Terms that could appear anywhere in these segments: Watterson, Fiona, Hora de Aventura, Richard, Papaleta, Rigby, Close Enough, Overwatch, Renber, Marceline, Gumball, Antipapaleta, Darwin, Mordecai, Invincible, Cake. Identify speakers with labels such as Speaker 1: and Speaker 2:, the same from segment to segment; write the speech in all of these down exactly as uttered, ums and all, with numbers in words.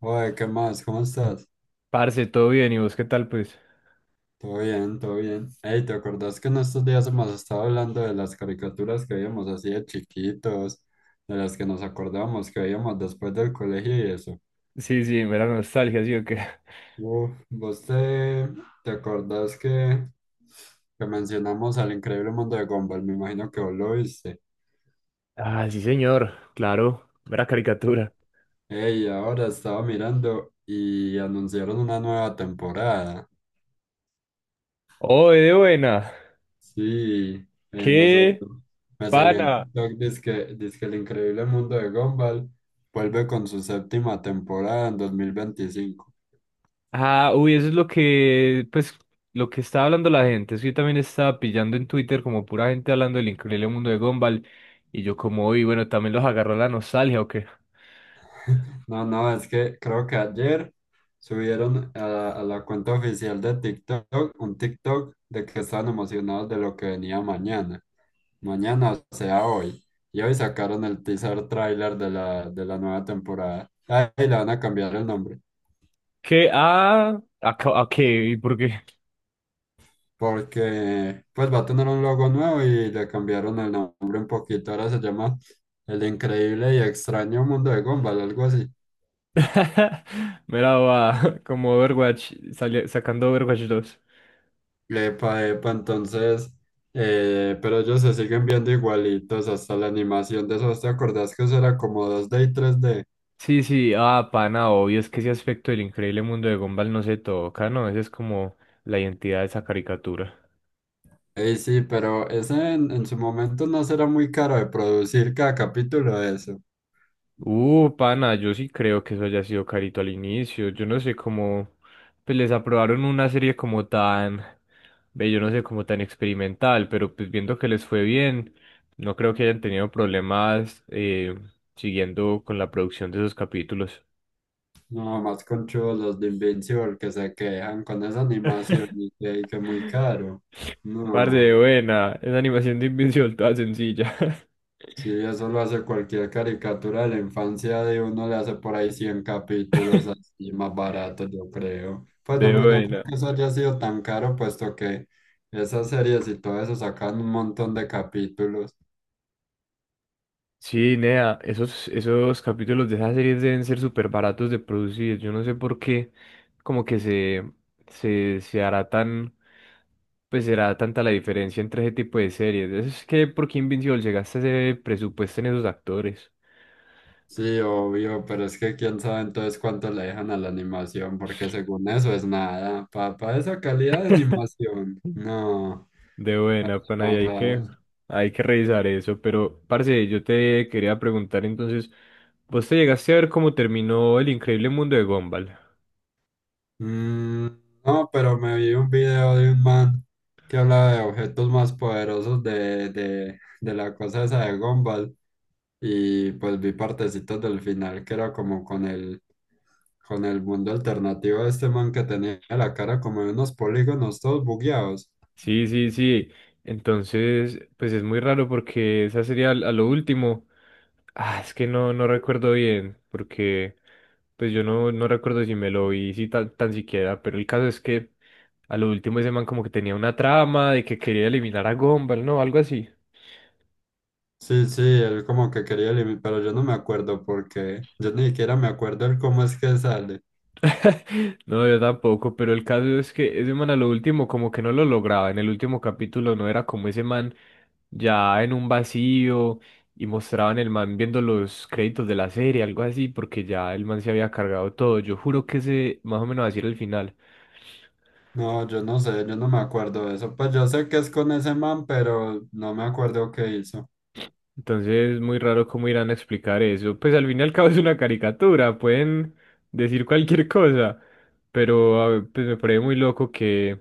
Speaker 1: Oye, ¿qué más? ¿Cómo estás?
Speaker 2: Parce, todo bien, ¿y vos qué tal, pues?
Speaker 1: Todo bien, todo bien. Hey, ¿te acordás que en estos días hemos estado hablando de las caricaturas que veíamos así de chiquitos, de las que nos acordamos que veíamos después del colegio y eso?
Speaker 2: Sí, sí, mera nostalgia, ¿sí o qué?
Speaker 1: Uf, ¿vos te, te acordás que, que mencionamos al Increíble Mundo de Gumball? Me imagino que vos lo viste.
Speaker 2: Ah, sí, señor, claro, mera caricatura.
Speaker 1: Hey, ahora estaba mirando y anunciaron una nueva temporada.
Speaker 2: ¡Oh, de buena!
Speaker 1: Sí, eh, me
Speaker 2: ¡Qué
Speaker 1: salió, me salió en
Speaker 2: pana!
Speaker 1: TikTok, dizque, que El Increíble Mundo de Gumball vuelve con su séptima temporada en dos mil veinticinco.
Speaker 2: Ah, uy, eso es lo que, pues, lo que estaba hablando la gente. Eso yo también estaba pillando en Twitter como pura gente hablando del increíble mundo de Gumball. Y yo como, uy, bueno, también los agarró la nostalgia, ¿o qué?
Speaker 1: No, no, es que creo que ayer subieron a, la a la cuenta oficial de TikTok un TikTok de que estaban emocionados de lo que venía mañana. Mañana, o sea, hoy. Y hoy sacaron el teaser trailer de la, de la nueva temporada. Ahí le van a cambiar el nombre.
Speaker 2: ¿Qué? Ah, ¿a, ca- a qué? ¿Y por qué?
Speaker 1: Porque pues va a tener un logo nuevo y le cambiaron el nombre un poquito, ahora se llama El Increíble y Extraño Mundo de Gumball, algo así.
Speaker 2: Mira, va, como Overwatch, sali- sacando Overwatch dos.
Speaker 1: Epa, epa, entonces, eh, pero ellos se siguen viendo igualitos hasta la animación de esos. ¿Te acordás que eso era como dos d y tres d?
Speaker 2: Sí, sí, ah, pana, obvio, es que ese aspecto del increíble mundo de Gumball no se toca, ¿no? Esa es como la identidad de esa caricatura.
Speaker 1: Ey, sí, pero ese en, en su momento no será muy caro de producir cada capítulo de eso.
Speaker 2: Uh, pana, yo sí creo que eso haya sido carito al inicio. Yo no sé cómo, pues les aprobaron una serie como tan, ve, yo no sé, como tan experimental, pero pues viendo que les fue bien, no creo que hayan tenido problemas eh, siguiendo con la producción de esos capítulos.
Speaker 1: No, más conchudos los de Invincible que se quejan con esa animación y que, y que muy caro.
Speaker 2: Par de
Speaker 1: No.
Speaker 2: buena, esa animación de Invincible toda sencilla.
Speaker 1: Sí, eso lo hace cualquier caricatura de la infancia de uno, le hace por ahí cien capítulos así más barato, yo creo. Pues no,
Speaker 2: De
Speaker 1: me- no creo
Speaker 2: buena.
Speaker 1: que eso haya sido tan caro, puesto que esas series y todo eso sacan un montón de capítulos.
Speaker 2: Sí, Nea, esos, esos capítulos de esas series deben ser súper baratos de producir. Yo no sé por qué, como que se, se, se hará tan, pues será tanta la diferencia entre ese tipo de series. Es que, ¿por qué Invincible llegaste a ese presupuesto en esos actores?
Speaker 1: Sí, obvio, pero es que quién sabe entonces cuánto le dejan a la animación, porque según eso es nada. Para esa calidad de animación, no,
Speaker 2: De buena, pana, y hay que,
Speaker 1: no.
Speaker 2: hay que revisar eso. Pero, parce, yo te quería preguntar entonces, ¿vos te llegaste a ver cómo terminó El Increíble Mundo de Gumball?
Speaker 1: Mm, no, pero me vi un video de un man que hablaba de objetos más poderosos de, de, de la cosa esa de Gumball y pues vi partecitos del final que era como con el, con el mundo alternativo de este man que tenía la cara como de unos polígonos todos bugueados.
Speaker 2: Sí, sí, sí. Entonces, pues es muy raro porque esa sería a lo último. Ah, es que no, no recuerdo bien, porque pues yo no, no recuerdo si me lo vi si tan, tan siquiera, pero el caso es que a lo último ese man como que tenía una trama de que quería eliminar a Gumball, ¿no? Algo así.
Speaker 1: Sí, sí, él como que quería eliminar, pero yo no me acuerdo porque yo ni siquiera me acuerdo el cómo es que sale.
Speaker 2: No, yo tampoco, pero el caso es que ese man a lo último como que no lo lograba. En el último capítulo no era como ese man ya en un vacío y mostraban el man viendo los créditos de la serie, algo así, porque ya el man se había cargado todo. Yo juro que ese más o menos así era el final.
Speaker 1: No, yo no sé, yo no me acuerdo de eso. Pues yo sé que es con ese man, pero no me acuerdo qué hizo.
Speaker 2: Entonces, muy raro cómo irán a explicar eso. Pues al fin y al cabo es una caricatura, pueden decir cualquier cosa, pero a ver, pues me parece muy loco que,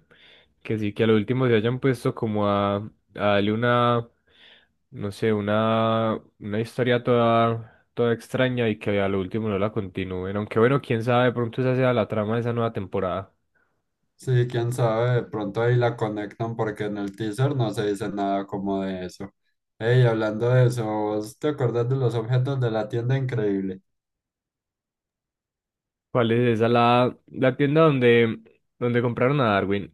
Speaker 2: que sí, que a lo último se hayan puesto como a, a darle una, no sé, una, una historia toda, toda extraña y que a lo último no la continúen. Aunque bueno, quién sabe, de pronto esa sea la trama de esa nueva temporada.
Speaker 1: Sí, quién sabe, de pronto ahí la conectan porque en el teaser no se dice nada como de eso. Ey, hablando de eso, ¿vos te acordás de los objetos de la tienda increíble?
Speaker 2: ¿Cuál es esa? La, la tienda donde, donde compraron a Darwin.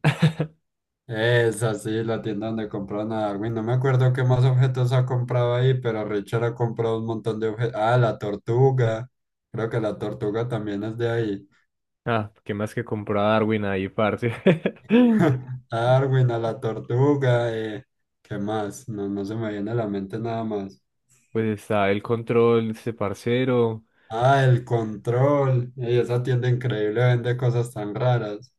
Speaker 1: Esa sí, la tienda donde compraron a Darwin. No me acuerdo qué más objetos ha comprado ahí, pero Richard ha comprado un montón de objetos. Ah, la tortuga. Creo que la tortuga también es de ahí.
Speaker 2: Ah, qué más que compró a Darwin ahí, parce.
Speaker 1: A Darwin, a la tortuga, eh, ¿qué más? No, no se me viene a la mente nada más.
Speaker 2: Pues está el control, este parcero.
Speaker 1: Ah, el control. Ey, esa tienda increíble vende cosas tan raras.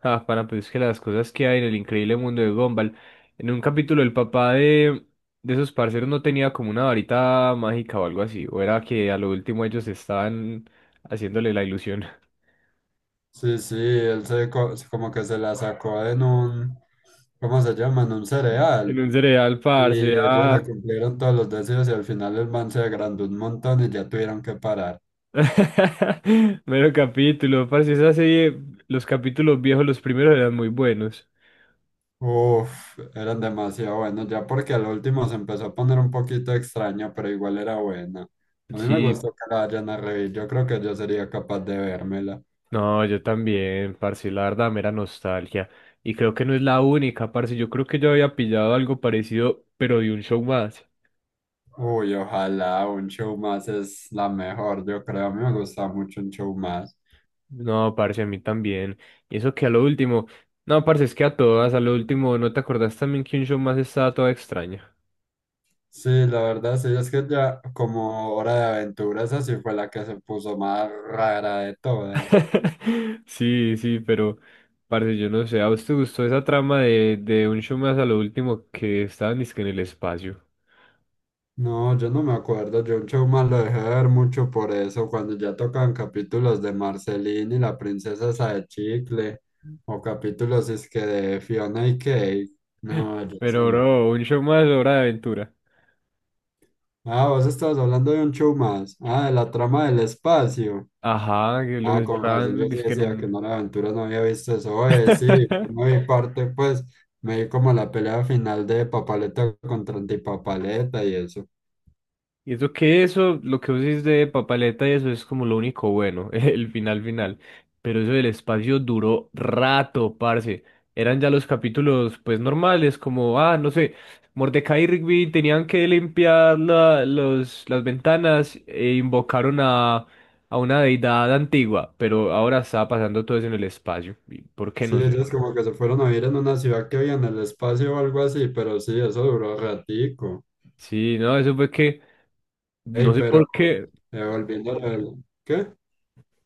Speaker 2: Ah, para pues es que las cosas que hay en el increíble mundo de Gumball. En un capítulo el papá de, de esos parceros no tenía como una varita mágica o algo así. O era que a lo último ellos estaban haciéndole la ilusión.
Speaker 1: Sí, sí, él se co- como que se la sacó en un, ¿cómo se llama? En un
Speaker 2: En
Speaker 1: cereal.
Speaker 2: un cereal, parce.
Speaker 1: Y ellos le
Speaker 2: Ah.
Speaker 1: cumplieron todos los deseos y al final el man se agrandó un montón y ya tuvieron que parar.
Speaker 2: Mero capítulo, parce. Esa serie, los capítulos viejos, los primeros eran muy buenos.
Speaker 1: Uf, eran demasiado buenos, ya porque al último se empezó a poner un poquito extraño, pero igual era buena. A mí me gustó
Speaker 2: Sí,
Speaker 1: que la hayan a reír, yo creo que yo sería capaz de vérmela.
Speaker 2: no, yo también, parce, la verdad, mera nostalgia. Y creo que no es la única, parce. Yo creo que yo había pillado algo parecido, pero de un show más.
Speaker 1: Uy, ojalá, un show más es la mejor, yo creo, a mí me gusta mucho un show más.
Speaker 2: No, parce, a mí también. Y eso que a lo último. No, parce, es que a todas, a lo último, ¿no te acordás también que un show más estaba toda extraña?
Speaker 1: Sí, la verdad, sí, es que ya como Hora de Aventura, esa sí fue la que se puso más rara de todas.
Speaker 2: Sí, sí, pero, parce, yo no sé. ¿A vos te gustó esa trama de, de, un show más a lo último que estaban dizque en el espacio?
Speaker 1: No, yo no me acuerdo. Yo un show más lo dejé de ver mucho por eso, cuando ya tocaban capítulos de Marceline y la princesa esa de chicle, o capítulos es que de Fiona y Cake. No, yo
Speaker 2: Pero,
Speaker 1: eso no.
Speaker 2: bro, un show más, hora de aventura.
Speaker 1: Ah, vos estabas hablando de un show más. Ah, de la trama del espacio.
Speaker 2: Ajá, que los
Speaker 1: Ah, con razón, yo
Speaker 2: encerraban,
Speaker 1: sí
Speaker 2: dizque en
Speaker 1: decía que
Speaker 2: un.
Speaker 1: no era aventura, no había visto eso. Oye, sí, yo no vi parte, pues, me vi como la pelea final de Papaleta contra Antipapaleta y eso.
Speaker 2: Y eso que eso, lo que vos decís de papaleta y eso es como lo único bueno, el final final. Pero eso del espacio duró rato, parce. Eran ya los capítulos pues normales, como, ah, no sé, Mordecai y Rigby tenían que limpiar la- los, las ventanas e invocaron a, a una deidad antigua, pero ahora está pasando todo eso en el espacio. ¿Y ¿por qué? No
Speaker 1: Sí,
Speaker 2: sé.
Speaker 1: ellos como que se fueron a vivir en una ciudad que había en el espacio o algo así, pero sí, eso duró ratico.
Speaker 2: Sí, no, eso fue que,
Speaker 1: Ey,
Speaker 2: no sé
Speaker 1: pero
Speaker 2: por qué.
Speaker 1: eh, volviendo al... ¿Qué?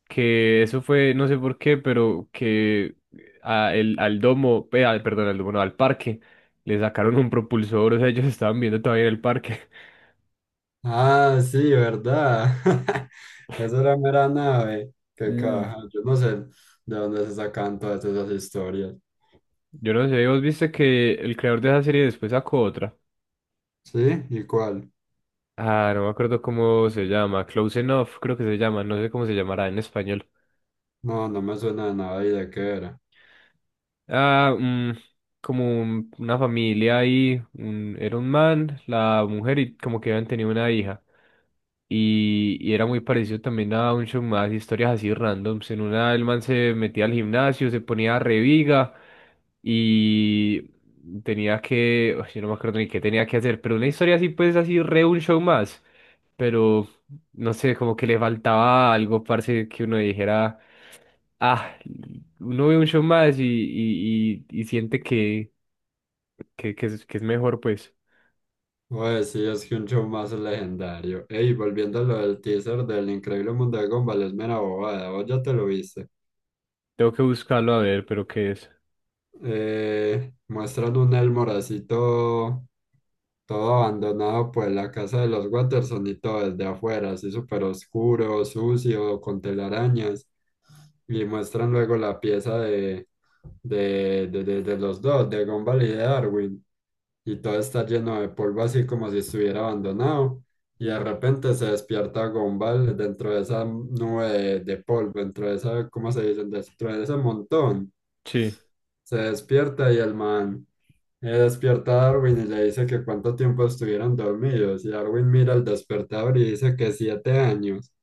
Speaker 2: Que eso fue, no sé por qué, pero que a el- al domo, eh, al- perdón, al domo, no, al parque, le sacaron un propulsor, o sea, ellos estaban viendo todavía en el parque.
Speaker 1: Ah, sí, ¿verdad? Eso era mera nave. Qué
Speaker 2: Mm.
Speaker 1: caja. Yo no sé de dónde se sacan todas esas historias.
Speaker 2: Yo no sé, vos viste que el creador de esa serie después sacó otra.
Speaker 1: ¿Sí? ¿Y cuál?
Speaker 2: Ah, no me acuerdo cómo se llama, Close Enough, creo que se llama, no sé cómo se llamará en español.
Speaker 1: No, no me suena de nada y de qué era.
Speaker 2: Ah, mm, como un- una familia ahí, un- era un man, la mujer y como que habían tenido una hija. Y, y era muy parecido también a un show más, historias así randoms. En una, el man se metía al gimnasio, se ponía reviga y tenía que, uy, yo no me acuerdo ni qué tenía que hacer, pero una historia así, pues así, re un show más. Pero no sé, como que le faltaba algo, parce, que uno dijera, ah, uno ve un show más y, y, y, y siente que, que, que es, que es mejor, pues.
Speaker 1: Pues sí, es que un show más legendario. Ey, volviendo a lo del teaser del Increíble Mundo de Gumball, es mera bobada. ¿Vos ya te lo viste?
Speaker 2: Tengo que buscarlo a ver, pero qué es.
Speaker 1: Eh, muestran un Elmoracito todo abandonado, pues la casa de los Watterson y todo desde afuera, así súper oscuro, sucio, con telarañas. Y muestran luego la pieza de, de, de, de- de los dos, de Gumball y de Darwin. Y todo está lleno de polvo, así como si estuviera abandonado. Y de repente se despierta Gumball dentro de esa nube de, de polvo, dentro de esa, ¿cómo se dice? Dentro de ese montón.
Speaker 2: Sí.
Speaker 1: Se despierta y el man eh, despierta a Darwin y le dice que cuánto tiempo estuvieron dormidos. Y Darwin mira el despertador y dice que siete años.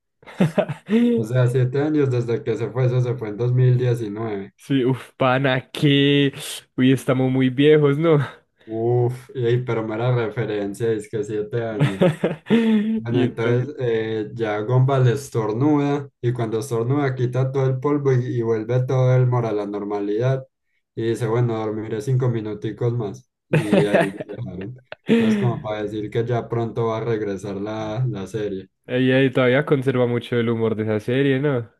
Speaker 1: O sea, siete años desde que se fue, eso se fue en dos mil diecinueve.
Speaker 2: Sí, uf, pana, que. Uy, estamos muy viejos, ¿no?
Speaker 1: Uf, y, pero mera referencia, es que siete años. Bueno,
Speaker 2: Y entonces.
Speaker 1: entonces eh, ya Gumball estornuda y cuando estornuda quita todo el polvo y, y vuelve todo el moro a la normalidad y dice, bueno, dormiré cinco minuticos más y ahí lo dejaron. Entonces como para decir que ya pronto va a regresar la, la serie.
Speaker 2: Ella todavía conserva mucho el humor de esa serie, ¿no?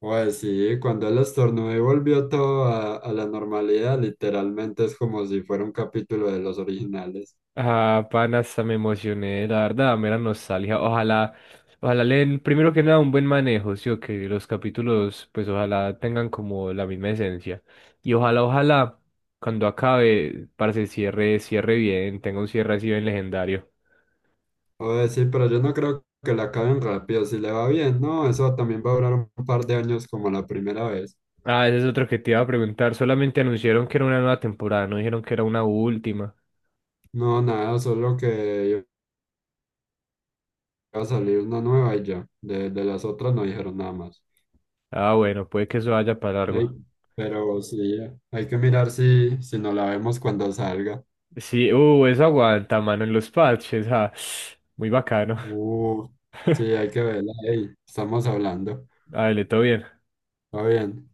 Speaker 1: Pues sí, cuando él estornudó y volvió todo a, a la normalidad, literalmente es como si fuera un capítulo de los originales.
Speaker 2: Ah, pana, hasta me emocioné, la verdad, mera nostalgia. Ojalá, ojalá le den, primero que nada, un buen manejo, sí, o que los capítulos, pues ojalá tengan como la misma esencia. Y ojalá, ojalá, cuando acabe, para se cierre, cierre bien, tenga un cierre así bien legendario.
Speaker 1: Pues sí, pero yo no creo que la acaben rápido, si le va bien, no, eso también va a durar un par de años como la primera vez.
Speaker 2: Ah, ese es otro que te iba a preguntar. Solamente anunciaron que era una nueva temporada, no dijeron que era una última.
Speaker 1: No, nada, solo que iba a salir una nueva y ya. De, de las otras no dijeron nada más.
Speaker 2: Ah, bueno, puede que eso vaya para
Speaker 1: Ey,
Speaker 2: largo.
Speaker 1: pero sí, hay que mirar si, si no la vemos cuando salga.
Speaker 2: Sí, uh, eso aguanta, mano, en los parches. Ah, muy bacano.
Speaker 1: Uh, sí, hay que verla. Ey, estamos hablando.
Speaker 2: Dale, todo bien.
Speaker 1: Está bien.